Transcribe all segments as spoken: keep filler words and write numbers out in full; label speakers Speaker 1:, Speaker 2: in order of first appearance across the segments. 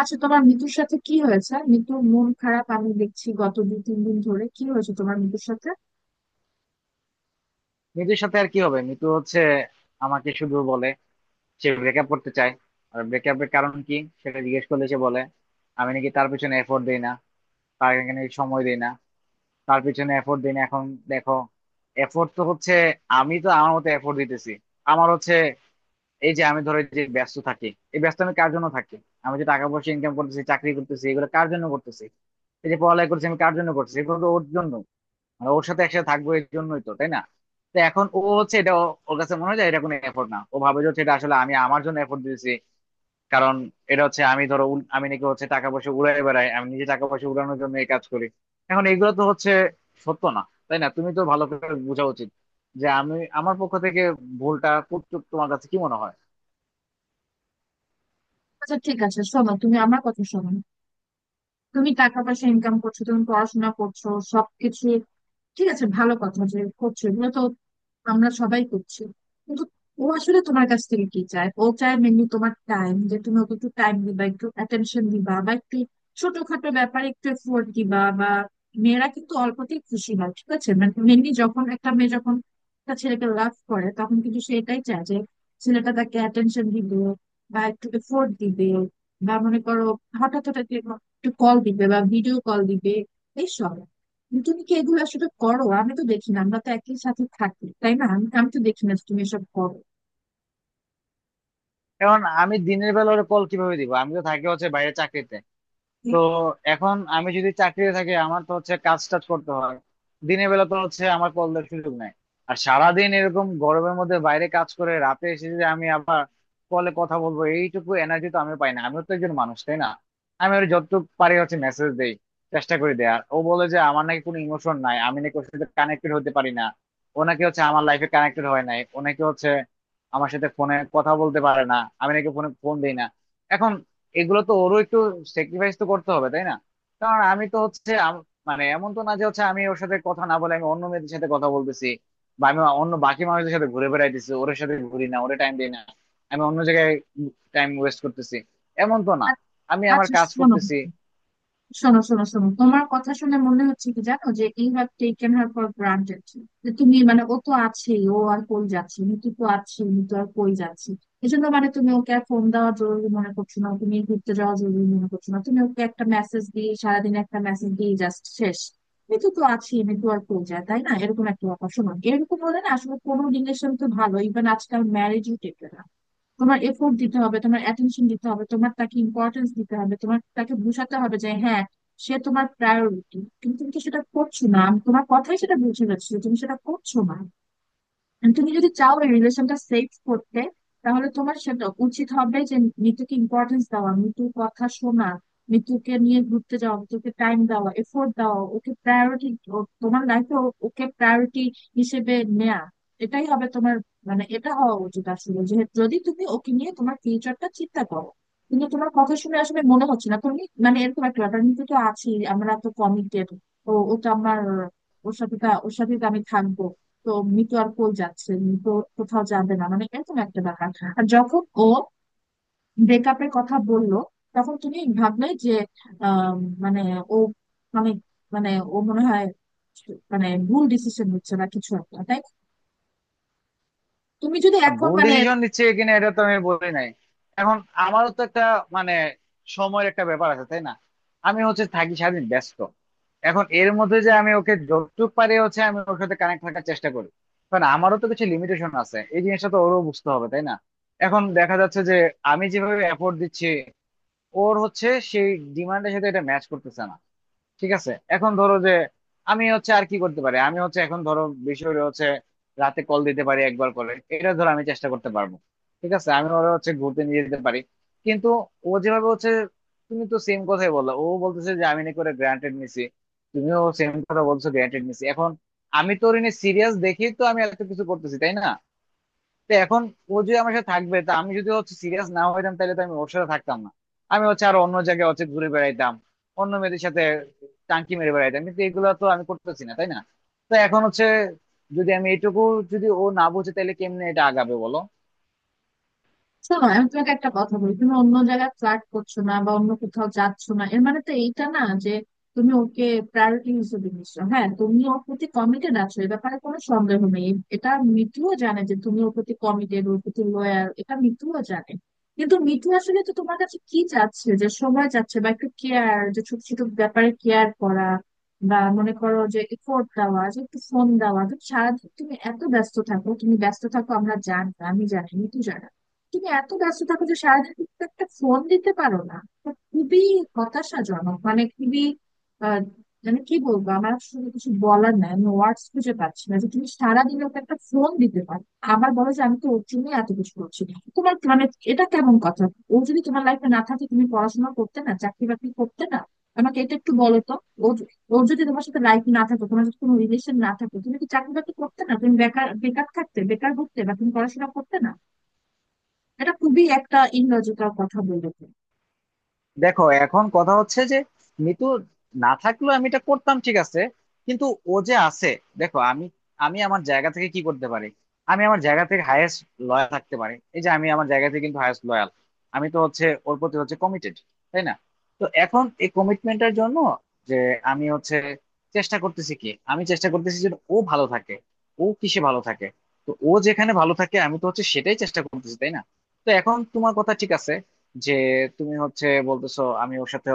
Speaker 1: আচ্ছা, তোমার মিতুর সাথে কি হয়েছে? মিতুর মন খারাপ আমি দেখছি গত দুই তিন দিন ধরে। কি হয়েছে তোমার মিতুর সাথে?
Speaker 2: মিতুর সাথে আর কি হবে? মিতু হচ্ছে আমাকে শুধু বলে সে ব্রেকআপ করতে চায়। আর ব্রেকআপের কারণ কি সেটা জিজ্ঞেস করলে সে বলে আমি নাকি তার পিছনে এফোর্ট দেই না, তার এখানে সময় দেই না, তার পিছনে এফোর্ট দেই না। এখন দেখো, এফোর্ট তো হচ্ছে, আমি তো আমার মতো এফোর্ট দিতেছি। আমার হচ্ছে এই যে আমি ধরো যে ব্যস্ত থাকি, এই ব্যস্ত আমি কার জন্য থাকি? আমি যে টাকা পয়সা ইনকাম করতেছি, চাকরি করতেছি, এগুলো কার জন্য করতেছি? এই যে পড়ালেখা করছি আমি কার জন্য করছি? এগুলো তো ওর জন্য। মানে ওর সাথে একসাথে থাকবো এর জন্যই তো, তাই না? তো এখন ও হচ্ছে এটা ও- ওর কাছে মনে হয় যে এটা কোনো এফোর্ট না। ও ভাবে যে হচ্ছে এটা আসলে আমি আমার জন্য এফোর্ট দিয়েছি। কারণ এটা হচ্ছে আমি ধরো উল- আমি নাকি হচ্ছে টাকা পয়সা উড়াই বেড়াই, আমি নিজে টাকা পয়সা উড়ানোর জন্য এই কাজ করি। এখন এগুলো তো হচ্ছে সত্য না, তাই না? তুমি তো ভালো করে বোঝা উচিত যে আমি আমার পক্ষ থেকে ভুলটা করতে তোমার কাছে কি মনে হয়?
Speaker 1: আচ্ছা ঠিক আছে, শোনো, তুমি আমার কথা শোনো। তুমি টাকা পয়সা ইনকাম করছো, তুমি পড়াশোনা করছো, সবকিছু ঠিক আছে, ভালো কথা। যে করছো এগুলো তো আমরা সবাই করছি, কিন্তু ও আসলে তোমার কাছ থেকে কি চায়? ও চায় মেনলি তোমার টাইম, যে তুমি ওকে একটু টাইম দিবা, একটু অ্যাটেনশন দিবা, বা একটু ছোটখাটো ব্যাপারে একটু এফোর্ট দিবা। বা মেয়েরা কিন্তু অল্পতেই খুশি হয়, ঠিক আছে? মানে মেনলি যখন একটা মেয়ে যখন একটা ছেলেকে লাভ করে, তখন কিন্তু সে এটাই চায় যে ছেলেটা তাকে অ্যাটেনশন দিবে বা একটু এফোর্ট দিবে, বা মনে করো হঠাৎ হঠাৎ একটু কল দিবে বা ভিডিও কল দিবে, এইসব। তুমি কি এগুলো আসলে করো? আমি তো দেখি না, আমরা তো একই সাথে থাকি, তাই না? আমি আমি তো দেখি না যে তুমি এসব করো।
Speaker 2: এখন আমি দিনের বেলা ওর কল কিভাবে দিব? আমি তো থাকি হচ্ছে বাইরে চাকরিতে। তো এখন আমি যদি চাকরিতে থাকি আমার তো হচ্ছে কাজ টাজ করতে হয়। দিনের বেলা তো হচ্ছে আমার কল দেওয়ার সুযোগ নাই। আর সারাদিন এরকম গরমের মধ্যে বাইরে কাজ করে রাতে এসে যদি আমি আবার কলে কথা বলবো, এইটুকু এনার্জি তো আমি পাই না। আমিও তো একজন মানুষ, তাই না? আমি ওর যতটুকু পারি হচ্ছে মেসেজ দেই, চেষ্টা করি দেয়ার। ও বলে যে আমার নাকি কোনো ইমোশন নাই, আমি নাকি ওর সাথে কানেক্টেড হতে পারি না, ও নাকি হচ্ছে আমার লাইফে কানেক্টেড হয় নাই, ও নাকি হচ্ছে আমার সাথে ফোনে কথা বলতে পারে না, আমি নাকি ফোনে ফোন দিই না। এখন এগুলো তো ওরও একটু স্যাক্রিফাইস তো করতে হবে, তাই না? কারণ আমি তো হচ্ছে আম- মানে এমন তো না যে হচ্ছে আমি ওর সাথে কথা না বলে আমি অন্য মেয়েদের সাথে কথা বলতেছি, বা আমি অন্য বাকি মানুষদের সাথে ঘুরে বেড়াইতেছি, ওর সাথে ঘুরি না, ওরে টাইম দিই না, আমি অন্য জায়গায় টাইম ওয়েস্ট করতেছি, এমন তো না, আমি আমার
Speaker 1: আচ্ছা,
Speaker 2: কাজ
Speaker 1: শোনো
Speaker 2: করতেছি।
Speaker 1: শোনো শোনো শোনো তোমার কথা শুনে মনে হচ্ছে কি জানো, যে you have taken her for granted. যে তুমি মানে ও তো আছেই, ও আর কই যাচ্ছে, মিতু তো আছে, মিতু আর কই যাচ্ছে। এজন্য মানে তুমি ওকে আর ফোন দেওয়া জরুরি মনে করছো না, তুমি ঘুরতে যাওয়া জরুরি মনে করছো না, তুমি ওকে একটা মেসেজ দিয়ে সারাদিন একটা মেসেজ দিয়ে জাস্ট শেষ। মিতু তো আছে, মিতু আর কই যায়, তাই না? এরকম একটা ব্যাপার। শোনো, এরকম হলে না আসলে কোনো রিলেশন তো ভালো, ইভেন আজকাল ম্যারেজও টেকে না। তোমার এফোর্ট দিতে হবে, তোমার অ্যাটেনশন দিতে হবে, তোমার তাকে ইম্পর্টেন্স দিতে হবে, তোমার তাকে বোঝাতে হবে যে হ্যাঁ সে তোমার প্রায়োরিটি। কিন্তু তুমি তো সেটা করছো না, আমি তোমার কথাই সেটা বুঝে যাচ্ছে যে তুমি সেটা করছো না। And তুমি যদি চাও এই রিলেশনটা সেফ করতে, তাহলে তোমার সেটা উচিত হবে যে মিতুকে ইম্পর্টেন্স দেওয়া, মিতুর কথা শোনা, মিতুকে নিয়ে ঘুরতে যাওয়া, মিতুকে টাইম দেওয়া, এফোর্ট দেওয়া, ওকে প্রায়োরিটি তোমার লাইফে, ওকে প্রায়োরিটি হিসেবে নেয়া। এটাই হবে তোমার, মানে এটা হওয়া উচিত আসলে, যে যদি তুমি ওকে নিয়ে তোমার ফিউচারটা চিন্তা করো। কিন্তু তোমার কথা শুনে আসলে মনে হচ্ছে না, তুমি মানে এরকম একটা ব্যাপার, মিতু তো আছি, আমরা তো কমিটেড, ও ও তো আমার, ওর সাথে তো- ওর সাথে তো আমি থাকবো, তো মিতু আর কই যাচ্ছে, মিতু কোথাও যাবে না, মানে এরকম একটা ব্যাপার। আর যখন ও ব্রেকআপের কথা বলল, তখন তুমি ভাবলে যে আম, মানে ও অনেক, মানে ও মনে হয় মানে ভুল ডিসিশন হচ্ছে না কিছু একটা, তাই না? তুমি যদি এখন
Speaker 2: ভুল
Speaker 1: মানে
Speaker 2: ডিসিশন নিচ্ছে কিনা এটা তো আমি বলি নাই। এখন আমারও তো একটা মানে সময়ের একটা ব্যাপার আছে, তাই না? আমি হচ্ছে থাকি সারাদিন ব্যস্ত। এখন এর মধ্যে যে আমি ওকে যতটুকু পারি হচ্ছে আমি ওর সাথে কানেক্ট থাকার চেষ্টা করি। কারণ আমারও তো কিছু লিমিটেশন আছে, এই জিনিসটা তো ওরও বুঝতে হবে, তাই না? এখন দেখা যাচ্ছে যে আমি যেভাবে এফোর্ট দিচ্ছি ওর হচ্ছে সেই ডিমান্ডের সাথে এটা ম্যাচ করতেছে না। ঠিক আছে, এখন ধরো যে আমি হচ্ছে আর কি করতে পারি, আমি হচ্ছে এখন ধরো বিষয় হচ্ছে, রাতে কল দিতে পারি একবার করে, এটা ধরো আমি চেষ্টা করতে পারবো। ঠিক আছে, আমি ওরা হচ্ছে ঘুরতে নিয়ে যেতে পারি। কিন্তু ও যেভাবে হচ্ছে, তুমি তো সেম কথাই বললা, ও বলতেছে যে আমি নাকি করে গ্রান্টেড নিছি, তুমিও সেম কথা বলছো গ্রান্টেড নিছি। এখন আমি তো ওর সিরিয়াস দেখেই তো আমি এত কিছু করতেছি, তাই না? তো এখন ও যদি আমার সাথে থাকবে তা আমি যদি হচ্ছে সিরিয়াস না হইতাম তাহলে তো আমি ওর সাথে থাকতাম না, আমি হচ্ছে আরো অন্য জায়গায় হচ্ছে ঘুরে বেড়াইতাম, অন্য মেয়েদের সাথে টাঙ্কি মেরে বেড়াইতাম। কিন্তু এগুলো তো আমি করতেছি না, তাই না? তো এখন হচ্ছে, যদি আমি এটুকু, যদি ও না বুঝে তাহলে কেমনে এটা আগাবে, বলো?
Speaker 1: শোনো, আমি তোমাকে একটা কথা বলি। তুমি অন্য জায়গায় ফ্লার্ট করছো না বা অন্য কোথাও যাচ্ছ না, এর মানে তো এইটা না যে তুমি ওকে প্রায়োরিটি হিসেবে নিচ্ছ। হ্যাঁ, তুমি ওর প্রতি কমিটেড আছো, এ ব্যাপারে কোনো সন্দেহ নেই, এটা মিঠুও জানে যে তুমি ওর প্রতি কমিটেড, ওর প্রতি লয়াল, এটা মিঠুও জানে। কিন্তু মিঠু আসলে তো তোমার কাছে কি চাচ্ছে? যে সময় চাচ্ছে, বা একটু কেয়ার, যে ছোট ছোট ব্যাপারে কেয়ার করা, বা মনে করো যে এফোর্ট দেওয়া, যে একটু ফোন দেওয়া। তুমি সারাদিন তুমি এত ব্যস্ত থাকো, তুমি ব্যস্ত থাকো আমরা জানি, আমি জানি, মিঠু জানে, তুমি এত ব্যস্ত থাকো যে সারাদিন তুমি তো একটা ফোন দিতে পারো না। এটা খুবই হতাশাজনক, মানে খুবই, আহ, মানে কি বলবো, আমার আসলে কিছু বলার নাই, আমি ওয়ার্ডস খুঁজে পাচ্ছি না যে তুমি সারাদিন ওকে একটা ফোন দিতে পারো। আবার বলো যে আমি তো ওর জন্যই এত কিছু করছি, তোমার মানে এটা কেমন কথা? ও যদি তোমার লাইফে না থাকে তুমি পড়াশোনা করতে না, চাকরি বাকরি করতে না? আমাকে এটা একটু বলো তো, ও য- ওর যদি তোমার সাথে লাইফ না থাকতো, তোমার যদি কোনো রিলেশন না থাকতো, তুমি কি চাকরি বাকরি করতে না? তুমি বেকার বেকার থাকতে, বেকার ঘুরতে, বা তুমি পড়াশোনা করতে না? এটা খুবই একটা ইললজিক্যাল কথা বলেছো।
Speaker 2: দেখো এখন কথা হচ্ছে যে মিতু না থাকলেও আমি এটা করতাম, ঠিক আছে? কিন্তু ও যে আছে, দেখো, আমি আমি আমার জায়গা থেকে কি করতে পারি? আমি আমার জায়গা থেকে হায়েস্ট লয়াল থাকতে পারি। এই যে আমি আমার জায়গা থেকে কিন্তু হায়েস্ট লয়াল, আমি তো হচ্ছে ওর প্রতি হচ্ছে কমিটেড, তাই না? তো এখন এই কমিটমেন্টের জন্য যে আমি হচ্ছে চেষ্টা করতেছি, কি আমি চেষ্টা করতেছি? যে ও ভালো থাকে, ও কিসে ভালো থাকে। তো ও যেখানে ভালো থাকে আমি তো হচ্ছে সেটাই চেষ্টা করতেছি, তাই না? তো এখন তোমার কথা ঠিক আছে যে তুমি হচ্ছে বলতেছো আমি ওর সাথে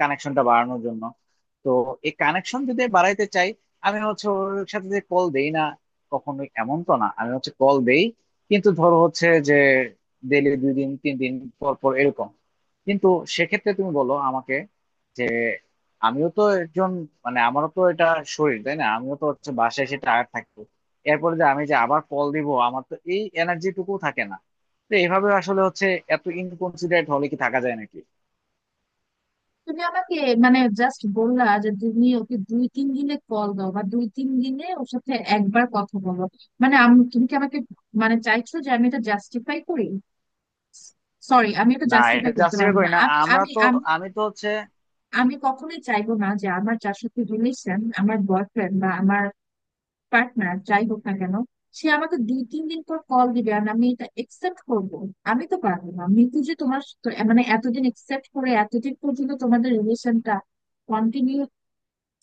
Speaker 2: কানেকশনটা বাড়ানোর জন্য। তো এই কানেকশন যদি বাড়াইতে চাই, আমি হচ্ছে ওর সাথে যে কল দেই না কখনোই, এমন তো না, আমি হচ্ছে কল দেই। কিন্তু ধরো হচ্ছে যে ডেলি দুই দিন তিন দিন পর পর এরকম। কিন্তু সেক্ষেত্রে তুমি বলো আমাকে যে আমিও তো একজন, মানে আমারও তো এটা শরীর, তাই না? আমিও তো হচ্ছে বাসায় এসে টায়ার্ড থাকবো, এরপরে যে আমি যে আবার কল দিব আমার তো এই এনার্জি টুকু থাকে না। তো এইভাবে আসলে হচ্ছে এত ইনকনসিডারেট হলে কি থাকা যায় নাকি?
Speaker 1: তুমি আমাকে মানে জাস্ট বললা যে তুমি ওকে দুই তিন দিনে কল দাও, বা দুই তিন দিনে ওর সাথে একবার কথা বলো। মানে আমি, তুমি কি আমাকে মানে চাইছো যে আমি এটা জাস্টিফাই করি? সরি, আমি এটা
Speaker 2: না এটা
Speaker 1: জাস্টিফাই করতে
Speaker 2: জাস্টিফাই
Speaker 1: পারবো না।
Speaker 2: করি না,
Speaker 1: আমি
Speaker 2: আমরা
Speaker 1: আমি
Speaker 2: তো
Speaker 1: আমি
Speaker 2: আমি তো হচ্ছে।
Speaker 1: আমি কখনোই চাইবো না যে আমার যার সাথে রিলেশন, আমার বয়ফ্রেন্ড বা আমার পার্টনার যাই হোক না কেন, সে আমাকে দুই তিন দিন পর কল দিবে আর আমি এটা একসেপ্ট করব। আমি তো পারবো না, মিতু যে তোমার তো- মানে এতদিন একসেপ্ট করে এতদিন পর্যন্ত তোমাদের রিলেশনটা কন্টিনিউ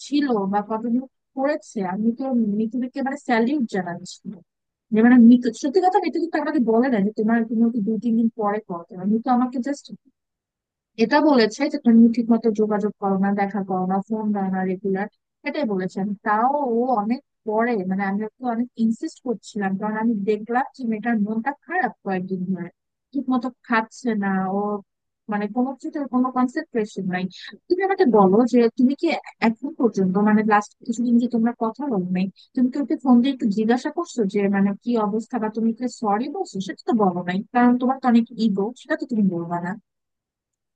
Speaker 1: ছিল বা কন্টিনিউ করেছে, আমি তো মিতুকে মানে স্যালিউট জানাচ্ছি। যে মানে মিতু, সত্যি কথা, মিতু কিন্তু আমাকে বলে না যে তোমার তুমি ওকে দুই তিন দিন পরে কল করো, মিতু আমাকে জাস্ট এটা বলেছে যে তুমি ঠিক মতো যোগাযোগ করো না, দেখা করো না, ফোন দাও না রেগুলার, এটাই বলেছেন। তাও ও অনেক পরে, মানে আমি ওকে অনেক ইনসিস্ট করছিলাম, কারণ আমি দেখলাম যে মেয়েটার মনটা খারাপ কয়েকদিন ধরে, ঠিক মতো খাচ্ছে না ও, মানে কোনো কিছুতে ওর কোনো কনসেন্ট্রেশন নাই। তুমি আমাকে বলো যে তুমি কি এখন পর্যন্ত, মানে লাস্ট কিছুদিন যে তোমরা কথা বলো নাই, তুমি কি ওকে ফোন দিয়ে একটু জিজ্ঞাসা করছো যে মানে কি অবস্থা, বা তুমি কি সরি বলছো? সেটা তো বলো নাই, কারণ তোমার তো অনেক ইগো, সেটা তো তুমি বলবা না।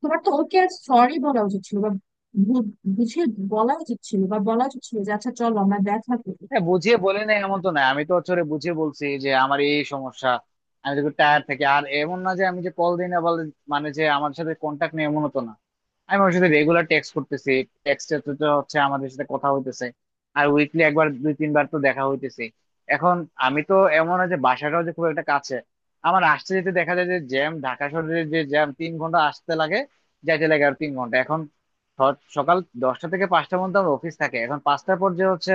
Speaker 1: তোমার তো ওকে আর সরি বলা উচিত ছিল, বা বু- বুঝিয়ে বলা উচিত ছিল, বা বলা উচিত ছিল যে আচ্ছা চলো আমরা দেখা করি।
Speaker 2: হ্যাঁ, বুঝিয়ে বলি না এমন তো না, আমি তো হচ্ছে ওরে বুঝিয়ে বলছি যে আমার এই সমস্যা, আমি তো টায়ার থেকে আর এমন না যে আমি যে কল দিই না বলে, মানে যে আমার সাথে কন্টাক্ট নেই, এমন তো না। আমি ওর সাথে রেগুলার টেক্সট করতেছি, টেক্সটে তো তো হচ্ছে আমাদের সাথে কথা হইতেছে। আর উইকলি একবার দুই তিনবার তো দেখা হইতেছে। এখন আমি তো এমন হয় যে বাসাটাও যে খুব একটা কাছে, আমার আসতে যেতে দেখা যায় যে জ্যাম, ঢাকা শহরে যে জ্যাম তিন ঘন্টা আসতে লাগে, যাইতে লাগে আর তিন ঘন্টা। এখন স- সকাল দশটা থেকে পাঁচটা পর্যন্ত আমার অফিস থাকে। এখন পাঁচটার পর যে হচ্ছে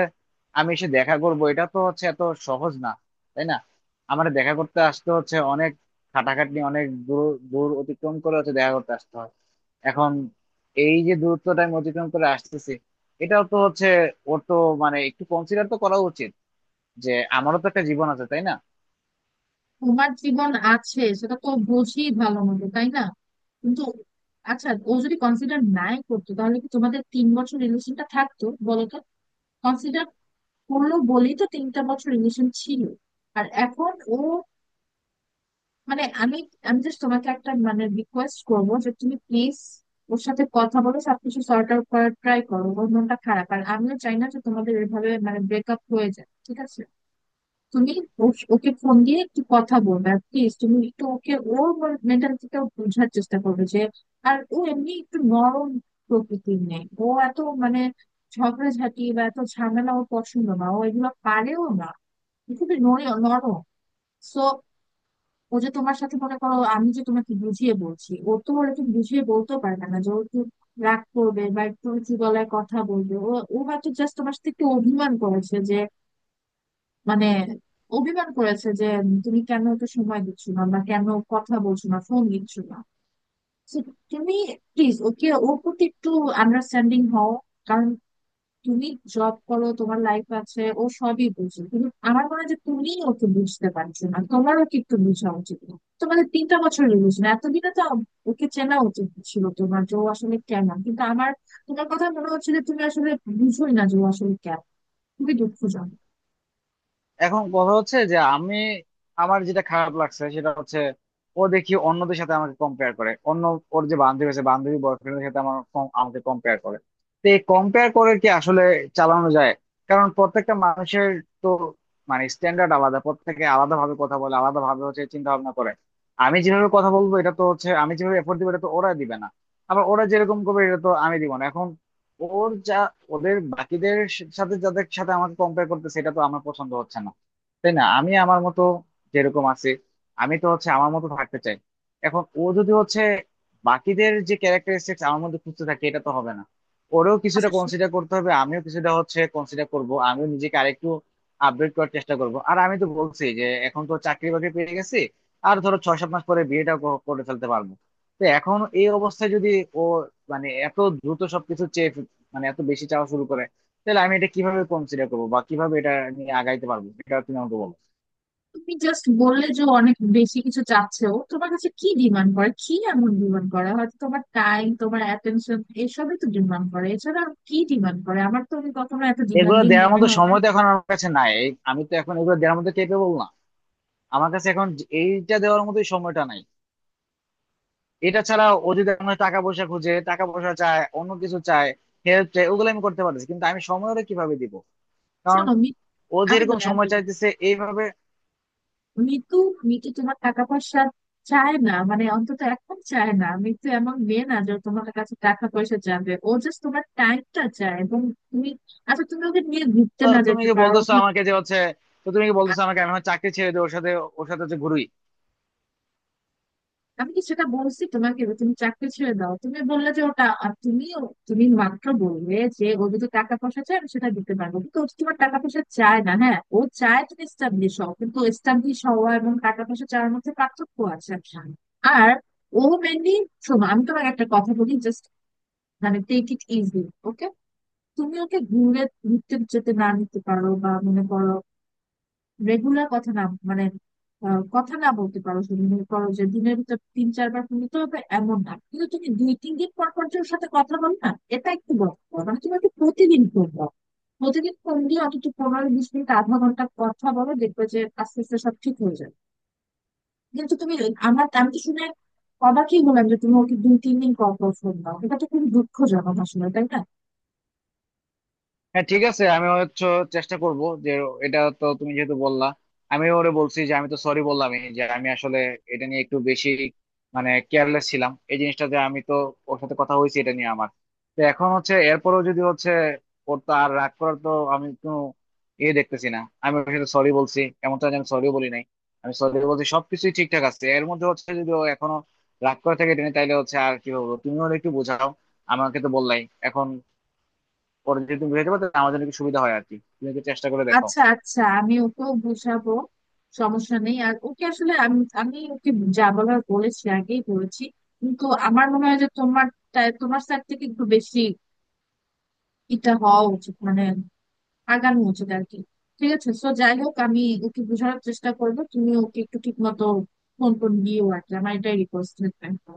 Speaker 2: আমি এসে দেখা করবো এটা তো হচ্ছে এত সহজ না, তাই না? আমার দেখা করতে আসতে হচ্ছে অনেক খাটাখাটনি, অনেক দূর দূর অতিক্রম করে হচ্ছে দেখা করতে আসতে হয়। এখন এই যে দূরত্বটা আমি অতিক্রম করে আসতেছি এটাও তো হচ্ছে ওর তো মানে একটু কনসিডার তো করা উচিত যে আমারও তো একটা জীবন আছে, তাই না?
Speaker 1: তোমার জীবন আছে, সেটা তো বুঝি ভালো মতো, তাই না? কিন্তু আচ্ছা, ও যদি কনসিডার নাই করতো তাহলে কি তোমাদের তিন বছর রিলেশনটা থাকতো বলো তো? কনসিডার করলো বলেই তো তিনটা বছর রিলেশন ছিল। আর এখন ও মানে আমি আমি জাস্ট তোমাকে একটা মানে রিকোয়েস্ট করবো যে তুমি প্লিজ ওর সাথে কথা বলো, সবকিছু সর্ট আউট করার ট্রাই করো। ওর মনটা খারাপ, আর আমিও চাই না যে তোমাদের এভাবে মানে ব্রেকআপ হয়ে যায়, ঠিক আছে? তুমি ও- ওকে ফোন দিয়ে একটু কথা বলবে। আর প্লিজ তুমি একটু ওকে, ওর মেন্টালিটিটা বোঝার চেষ্টা করবে। যে আর ও এমনি একটু নরম প্রকৃতির নেই, ও এত মানে ঝগড়াঝাটি বা এত ঝামেলা ও পছন্দ না, ও এগুলো পারেও না, ও খুবই নর- নরম। সো ও যে তোমার সাথে মনে করো আমি যে তোমাকে বুঝিয়ে বলছি, ও তো ওরকম বুঝিয়ে বলতেও পারবে না, যে ও একটু রাগ করবে বা একটু উঁচু গলায় কথা বলবে। ও ও হয়তো জাস্ট তোমার সাথে একটু অভিমান করেছে যে মানে অভিমান করেছে যে উম, তুমি কেন ওকে সময় দিচ্ছ না, বা কেন কথা বলছো না, ফোন দিচ্ছ না। So, তুমি প্লিজ ওকে, ওর প্রতি একটু আন্ডারস্ট্যান্ডিং হও। কারণ তুমি জব করো, তোমার লাইফ আছে, ও সবই বুঝে, কিন্তু আমার মনে হয় যে তুমিই ওকে বুঝতে পারছো না। তোমার ওকে একটু বোঝা উচিত না? তোমাদের তিনটা বছর রিলেশন, এতদিনে তো ওকে চেনা উচিত ছিল তোমার যে ও আসলে কেমন। কিন্তু আমার, তোমার কথা মনে হচ্ছে যে তুমি আসলে বুঝোই না যে ও আসলে কেমন। খুবই দুঃখজনক।
Speaker 2: এখন কথা হচ্ছে যে আমি, আমার যেটা খারাপ লাগছে সেটা হচ্ছে ও দেখি অন্যদের সাথে আমাকে কম্পেয়ার করে। অন্য ওর যে বান্ধবী আছে বান্ধবী বয়ফ্রেন্ডের সাথে আমার কম- আমাকে কম্পেয়ার করে। তো এই কম্পেয়ার করে কি আসলে চালানো যায়? কারণ প্রত্যেকটা মানুষের তো মানে স্ট্যান্ডার্ড আলাদা, প্রত্যেকে আলাদা ভাবে কথা বলে, আলাদা ভাবে হচ্ছে চিন্তা ভাবনা করে। আমি যেভাবে কথা বলবো এটা তো হচ্ছে, আমি যেভাবে এফোর্ট দিবো এটা তো ওরা দিবে না। আবার ওরা যেরকম করবে এটা তো আমি দিব না। এখন ওর যা, ওদের বাকিদের সাথে যাদের সাথে আমাকে কম্পেয়ার করতেছে এটা তো আমার পছন্দ হচ্ছে না, তাই না? আমি আমার মতো যেরকম আছে, আমি তো হচ্ছে আমার মতো থাকতে চাই। এখন ও যদি হচ্ছে বাকিদের যে ক্যারেক্টারিস্টিক্স আমার মধ্যে খুঁজতে থাকে এটা তো হবে না। ওরেও কিছুটা
Speaker 1: আচ্ছা শু-
Speaker 2: কনসিডার করতে হবে, আমিও কিছুটা হচ্ছে কনসিডার করব, আমিও নিজেকে আরেকটু আপডেট করার চেষ্টা করব। আর আমি তো বলছি যে এখন তো চাকরি বাকরি পেয়ে গেছি, আর ধরো ছয় সাত মাস পরে বিয়েটা করে ফেলতে পারবো। তো এখন এই অবস্থায় যদি ও মানে এত দ্রুত সবকিছু চেয়ে, মানে এত বেশি চাওয়া শুরু করে তাহলে আমি এটা কিভাবে কনসিডার করবো বা কিভাবে এটা নিয়ে আগাইতে পারবো, এটা তুমি আমাকে বলো।
Speaker 1: তুমি জাস্ট বললে যে ও অনেক বেশি কিছু চাচ্ছে, ও তোমার কাছে কি ডিমান্ড করে? কি এমন ডিমান্ড করে? হয়তো তোমার টাইম, তোমার অ্যাটেনশন, এসবই তো ডিমান্ড করে, এছাড়া আর কি ডিমান্ড করে? আমার তো ওকে কখনো এত
Speaker 2: এগুলো
Speaker 1: ডিমান্ডিং
Speaker 2: দেওয়ার
Speaker 1: মনে
Speaker 2: মতো
Speaker 1: হয় না।
Speaker 2: সময় তো এখন আমার কাছে নাই। এই- আমি তো এখন এগুলো দেওয়ার মতো কেপেবল না। আমার কাছে এখন যে- এইটা দেওয়ার মতোই সময়টা নাই। এটা ছাড়া ও যদি আমার টাকা পয়সা খুঁজে, টাকা পয়সা চায়, অন্য কিছু চায়, হেল্প চায়, ওগুলো আমি করতে পারতেছি। কিন্তু আমি সময় ওরে কিভাবে দিব, কারণ
Speaker 1: শোনো মি-
Speaker 2: ও
Speaker 1: আমি
Speaker 2: যেরকম
Speaker 1: বলি, আমি
Speaker 2: সময়
Speaker 1: বলি
Speaker 2: চাইতেছে এইভাবে।
Speaker 1: মিতু, মিতু তোমার টাকা পয়সা চায় না, মানে অন্তত এখন চায় না। মিতু এমন মেয়ে না যে ও তোমার কাছে টাকা পয়সা চাবে, ও জাস্ট তোমার টাইমটা চায়। এবং তুমি আচ্ছা, তুমি ওকে নিয়ে ঘুরতে
Speaker 2: তো
Speaker 1: না
Speaker 2: তুমি
Speaker 1: যেতে
Speaker 2: কি
Speaker 1: পারো।
Speaker 2: বলতেছো আমাকে যে হচ্ছে, তো তুমি কি বলতেছো আমাকে আমি আমার চাকরি ছেড়ে দিয়ে ওর সাথে, ওর সাথে হচ্ছে ঘুরি?
Speaker 1: আমি কি সেটা বলছি তোমাকে যে তুমি চাকরি ছেড়ে দাও? তুমি বললে যে ওটা, আর তুমি তুমি মাত্র বললে যে ও যদি টাকা পয়সা চায় আমি সেটা দিতে পারবো, কিন্তু ও তো তোমার টাকা পয়সা চায় না। হ্যাঁ ও চায় তুমি এস্টাবলিশ হও, কিন্তু এস্টাবলিশ হওয়া এবং টাকা পয়সা চাওয়ার মধ্যে পার্থক্য আছে, আচ্ছা। আর ও মেনলি শোনো, আমি তোমাকে একটা কথা বলি জাস্ট মানে টেক ইট ইজি, ওকে? তুমি ওকে ঘুরে, ঘুরতে যেতে না নিতে পারো, বা মনে করো রেগুলার কথা না, মানে আহ, কথা না বলতে পারো, তুমি মনে করো যে দিনের ভিতর তিন চারবার ফোন দিতে হবে এমন না, কিন্তু তুমি দুই তিন দিন পর পর যে ওর সাথে কথা বলো না, এটা একটু বড় কথা। মানে তুমি একটু প্রতিদিন ফোন দাও, প্রতিদিন ফোন দিয়ে অন্তত পনেরো বিশ মিনিট, আধা ঘন্টা কথা বলো, দেখবে যে আস্তে আস্তে সব ঠিক হয়ে যাবে। কিন্তু তুমি, আমার আমি তো শুনে অবাকই হলাম যে তুমি ওকে দুই তিন দিন পর পর ফোন দাও, এটা তো খুবই দুঃখজনক আসলে, তাই না?
Speaker 2: হ্যাঁ ঠিক আছে, আমি হচ্ছে চেষ্টা করব যে, এটা তো তুমি যেহেতু বললা, আমি ওরে বলছি যে আমি তো সরি বললামই যে আমি আসলে এটা নিয়ে একটু বেশি মানে কেয়ারলেস ছিলাম এই জিনিসটাতে। আমি তো ওর সাথে কথা হয়েছে এটা নিয়ে আমার। তো এখন হচ্ছে এরপরও যদি হচ্ছে, ওর তো আর রাগ করার তো আমি কোনো ইয়ে দেখতেছি না, আমি ওর সাথে সরি বলছি, এমনটা যে আমি সরিও বলি নাই, আমি সরি বলছি, সবকিছুই ঠিকঠাক আছে। এর মধ্যে হচ্ছে যদি ও এখনো রাগ করে থাকে এটা নিয়ে, তাইলে হচ্ছে আর কি বলবো, তুমি ওর একটু বোঝাও। আমাকে তো বললাই এখন, পরে যদি তুমি বুঝাইতে পারো তাহলে আমার জন্য একটু সুবিধা হয় আর কি, তুমি একটু চেষ্টা করে দেখো।
Speaker 1: আচ্ছা আচ্ছা, আমি ওকেও বুঝাবো, সমস্যা নেই। আর ওকে আসলে আমি, আমি ওকে যা বলার বলেছি, আগেই বলেছি। কিন্তু আমার মনে হয় যে তোমার টা- তোমার স্যার থেকে একটু বেশি এটা হওয়া উচিত, মানে আগানো উচিত আর কি। ঠিক আছে, সো যাই হোক, আমি ওকে বোঝানোর চেষ্টা করবো, তুমি ওকে একটু ঠিক মতো ফোন টোন দিও আর কি, আমার এটাই রিকোয়েস্ট থাকবে।